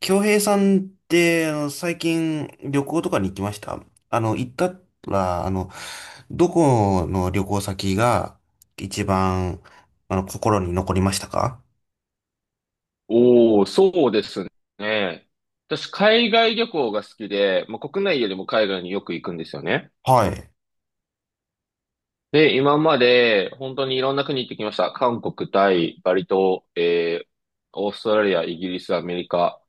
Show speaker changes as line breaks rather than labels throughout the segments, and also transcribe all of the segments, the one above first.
京平さんって、最近旅行とかに行きました行ったら、どこの旅行先が一番、心に残りましたか？
おお、そうですね。私、海外旅行が好きで、まあ、国内よりも海外によく行くんですよね。
はい。
で、今まで本当にいろんな国行ってきました。韓国、タイ、バリ島、オーストラリア、イギリス、アメリカ、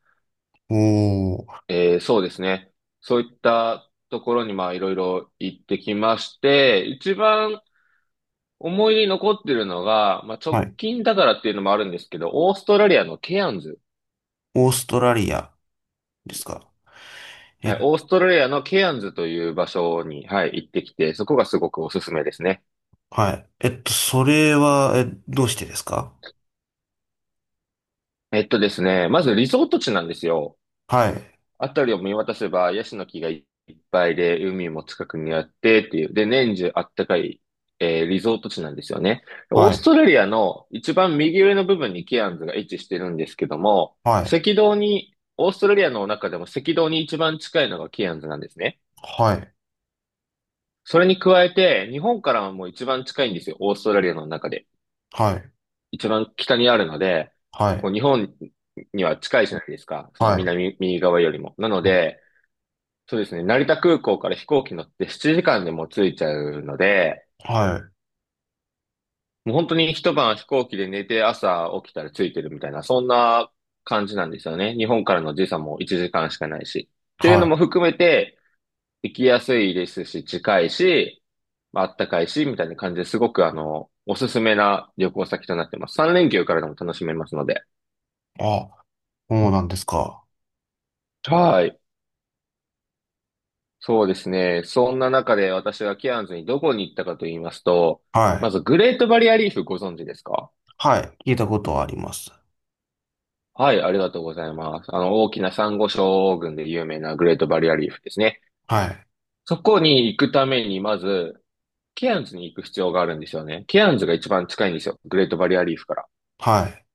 おー、
そうですね。そういったところにまあいろいろ行ってきまして、一番思い出に残ってるのが、まあ、直
はい。
近だからっていうのもあるんですけど、オーストラリアのケアンズ。
オーストラリアですか？
はい、
え、
オーストラリアのケアンズという場所に、はい、行ってきて、そこがすごくおすすめですね。
はい。えっと、それは、え、どうしてですか？
ですね、まずリゾート地なんですよ。
はい。
あたりを見渡せば、ヤシの木がいっぱいで、海も近くにあってっていう、で、年中あったかい、リゾート地なんですよね。オー
は
ス
い。
トラリアの一番右上の部分にケアンズが位置してるんですけども、
はい。
赤道に、オーストラリアの中でも赤道に一番近いのがケアンズなんですね。
はい。
それに加えて、日本からも一番近いんですよ、オーストラリアの中で。
はい。
一番北にあるので、
は
も
い。
う日本には近いじゃないですか。その
はい。
南、右側よりも。なので、そうですね、成田空港から飛行機乗って7時間でもう着いちゃうので、
はい。
もう本当に一晩飛行機で寝て朝起きたら着いてるみたいな、そんな感じなんですよね。日本からの時差も1時間しかないし。というの
は
も含めて、行きやすいですし、近いし、まああったかいし、みたいな感じですごくおすすめな旅行先となってます。三連休からでも楽しめますので。
い。あ、そうなんですか。
はい。そうですね。そんな中で私がケアンズにどこに行ったかと言いますと、
は
ま
い。
ずグレートバリアリーフご存知ですか？
はい。聞いたことはあります。
はい、ありがとうございます。大きな珊瑚礁群で有名なグレートバリアリーフですね。
はい。
そこに行くために、まず、ケアンズに行く必要があるんですよね。ケアンズが一番近いんですよ。グレートバリアリーフから。
はい。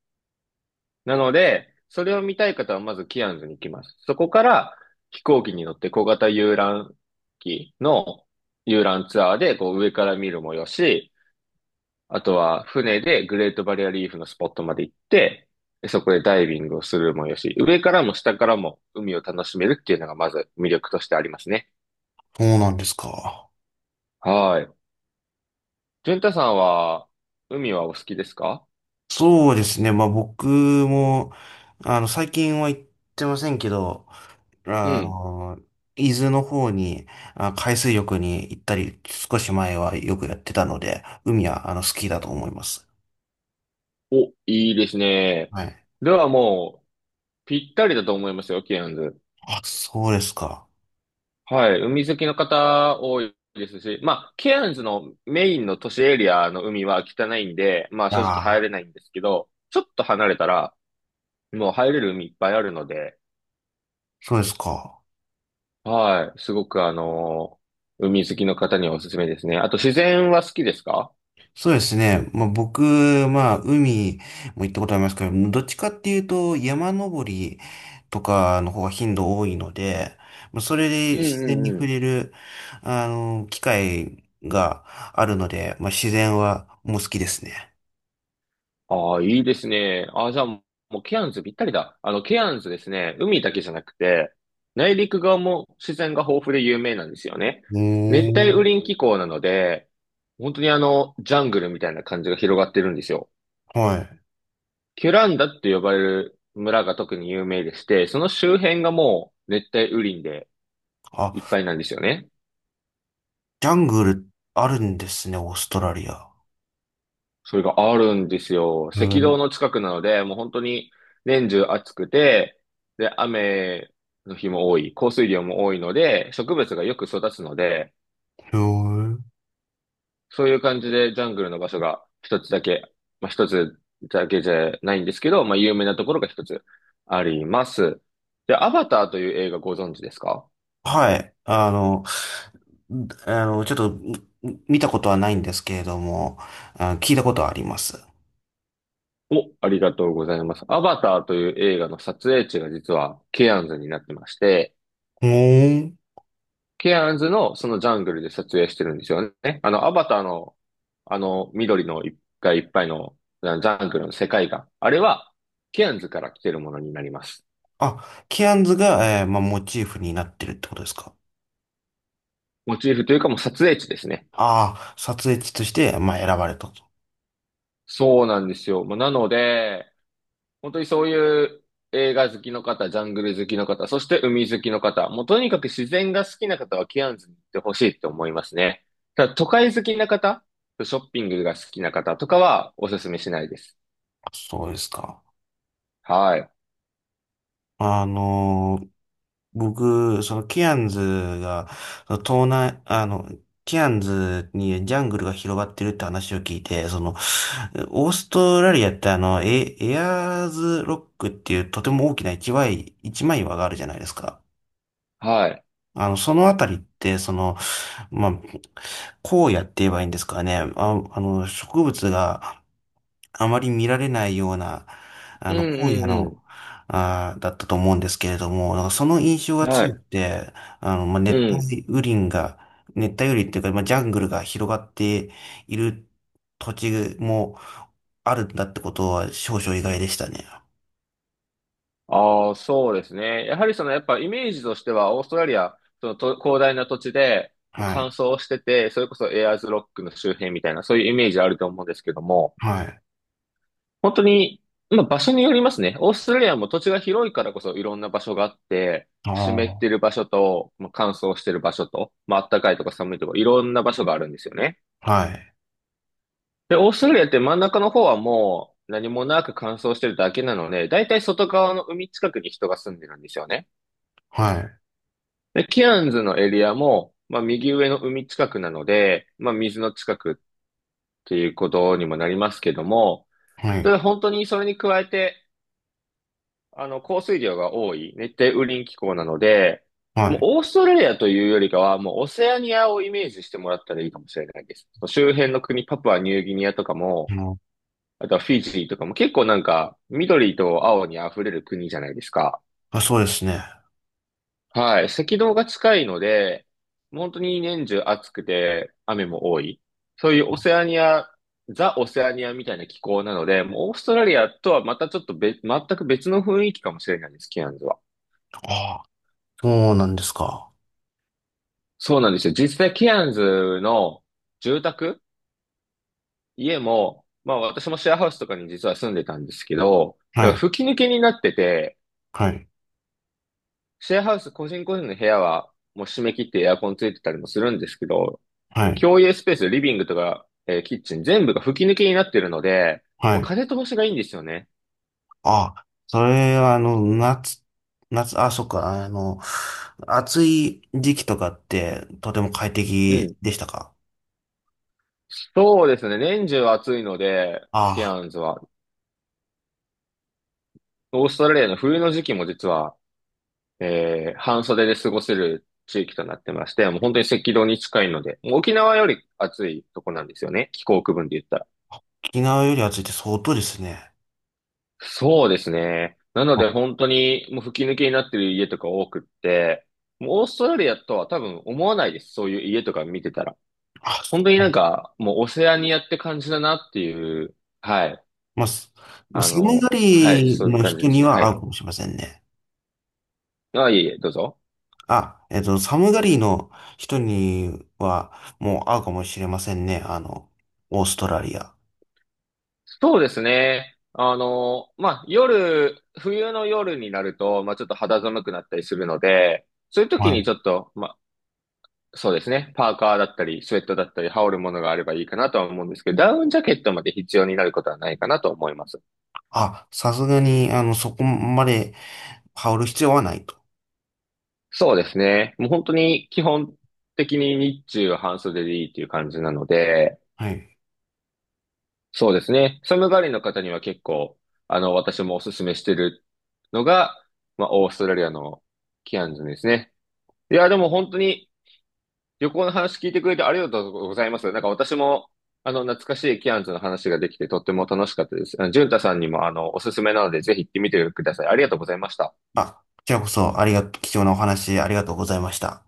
なので、それを見たい方はまずケアンズに行きます。そこから飛行機に乗って小型遊覧機の遊覧ツアーでこう上から見るもよし、あとは船でグレートバリアリーフのスポットまで行って、でそこでダイビングをするもよし、上からも下からも海を楽しめるっていうのがまず魅力としてありますね。
そうなんですか。
はい。淳太さんは海はお好きですか？
そうですね。僕も、最近は行ってませんけど、
う
あ
ん。
の、伊豆の方に、あ、海水浴に行ったり、少し前はよくやってたので、海は、好きだと思います。
お、いいですね。
はい。
ではもうぴったりだと思いますよ、ケアンズ。
あ、そうですか。
はい。海好きの方多いですし、まあ、ケアンズのメインの都市エリアの海は汚いんで、まあ
あ
正直入
あ、
れないんですけど、ちょっと離れたら、もう入れる海いっぱいあるので、
そうですか。
はい。すごく海好きの方にはおすすめですね。あと自然は好きですか？
そうですね。まあ、僕、まあ、海も行ったことありますけど、どっちかっていうと、山登りとかの方が頻度多いので、まあそれで
うん
自
う
然に
んう
触
ん。
れる、機会があるので、まあ、自然はもう好きですね。
ああ、いいですね。ああ、じゃあもうケアンズぴったりだ。ケアンズですね、海だけじゃなくて、内陸側も自然が豊富で有名なんですよね。
う
熱帯
ー
雨
ん。
林気候なので、本当にジャングルみたいな感じが広がってるんですよ。
はい。
キュランダって呼ばれる村が特に有名でして、その周辺がもう熱帯雨林で
あ、
いっぱいなんですよね。
ジャングルあるんですね、オーストラリア。
それがあるんですよ。
へ
赤
ー
道の近くなので、もう本当に年中暑くて、で、雨の日も多い、降水量も多いので、植物がよく育つので、
へー
そういう感じでジャングルの場所が一つだけ、まあ、一つだけじゃないんですけど、まあ、有名なところが一つあります。で、アバターという映画ご存知ですか？
はい。あの、ちょっとみ見たことはないんですけれども、あ聞いたことはあります。
お、ありがとうございます。アバターという映画の撮影地が実はケアンズになってまして、
うーん。
ケアンズのそのジャングルで撮影してるんですよね。アバターの、緑の一がいいっぱいのジャングルの世界が、あれは、ケアンズから来てるものになります。
あ、ケアンズが、まあ、モチーフになってるってことですか？
モチーフというかもう撮影地ですね。
ああー、撮影地として、まあ、選ばれたと。
そうなんですよ。まあなので、本当にそういう映画好きの方、ジャングル好きの方、そして海好きの方、もうとにかく自然が好きな方はケアンズに行ってほしいって思いますね。ただ都会好きな方、ショッピングが好きな方とかはおすすめしないです。
そうですか。
はい。
あのー、僕、そのケアンズが、その東南、ケアンズにジャングルが広がってるって話を聞いて、その、オーストラリアってエアーズロックっていうとても大きな一枚岩があるじゃないですか。
はい。
そのあたりって、その、まあ、荒野って言えばいいんですかね。あ、植物があまり見られないような、
う
荒野
んう
の、
ん
あーだったと思うんですけれども、なんかその印象
う
が
ん。は
強く
い。
て、あの、まあ、
う
熱
ん。
帯雨林が、熱帯雨林っていうか、まあ、ジャングルが広がっている土地もあるんだってことは少々意外でしたね。
ああ、そうですね。やはりその、やっぱイメージとしては、オーストラリア、そのと広大な土地で、もう
は
乾
い。
燥してて、それこそエアーズロックの周辺みたいな、そういうイメージあると思うんですけども、
はい。
本当に、まあ場所によりますね。オーストラリアも土地が広いからこそいろんな場所があって、
あ
湿っ
あ。
てる場所と、まあ、乾燥してる場所と、まあ暖かいとか寒いとか、いろんな場所があるんですよね。
はい。
で、オーストラリアって真ん中の方はもう何もなく乾燥してるだけなので、だいたい外側の海近くに人が住んでるんですよね。
はい。
で、ケアンズのエリアも、まあ右上の海近くなので、まあ水の近くっていうことにもなりますけども、
は
た
い。
だ本当にそれに加えて、降水量が多い熱帯雨林気候なので、
は
もう
い。
オーストラリアというよりかは、もうオセアニアをイメージしてもらったらいいかもしれないです。周辺の国、パプアニューギニアとか
う
も、
ん
あとはフィジーとかも結構なんか緑と青に溢れる国じゃないですか。
あ、そうですね。あ
はい。赤道が近いので、本当に年中暑くて雨も多い。そういうオセアニア、ザ・オセアニアみたいな気候なので、もうオーストラリアとはまたちょっと別、全く別の雰囲気かもしれないです、ケアンズは。
あ、そうなんですか。
そうなんですよ。実際ケアンズの住宅、家も、まあ私もシェアハウスとかに実は住んでたんですけど、
は
なんか
い。
吹き抜けになってて、
はい。
シェアハウス、個人個人の部屋は、もう締め切ってエアコンついてたりもするんですけど、
はい。
共有スペース、リビングとか、キッチン、全部が吹き抜けになってるので、
は
もう
い。
風通しがいいんですよね。
あ、それはあの、あ、そっか、暑い時期とかってとても快
う
適
ん。
でしたか？
そうですね。年中暑いので、ケ
あ、
アンズは。オーストラリアの冬の時期も実は、半袖で過ごせる地域となってまして、もう本当に赤道に近いので、もう沖縄より暑いとこなんですよね。気候区分で言ったら。
沖縄より暑いって相当ですね。
そうですね。なの
あ、
で本当にもう吹き抜けになってる家とか多くって、もうオーストラリアとは多分思わないです。そういう家とか見てたら。
あ
本当になんかもうオセアニアって感じだなっていう、はい。
まあ、すまあ、寒が
はい、
り
そういう
の
感じ
人
です
に
ね。は
は合
い。
うかもしれませんね。
あ、いえいえ、どうぞ。
あ、えっと、寒がりの人にはもう合うかもしれませんね。オーストラリア。
そうですね。まあ、夜、冬の夜になると、まあ、ちょっと肌寒くなったりするので、そういう時
は
に
い。
ちょっと、そうですね。パーカーだったり、スウェットだったり、羽織るものがあればいいかなとは思うんですけど、ダウンジャケットまで必要になることはないかなと思います。
あ、さすがに、そこまで羽織る必要はないと。
そうですね。もう本当に基本的に日中は半袖でいいっていう感じなので、
はい。
そうですね。寒がりの方には結構、私もおすすめしてるのが、まあ、オーストラリアのキアンズですね。いや、でも本当に旅行の話聞いてくれてありがとうございます。なんか私も、懐かしいキアンズの話ができてとっても楽しかったです。ジュンタさんにも、おすすめなので、ぜひ行ってみてください。ありがとうございました。
あ、こちらこそ、ありがと、貴重なお話ありがとうございました。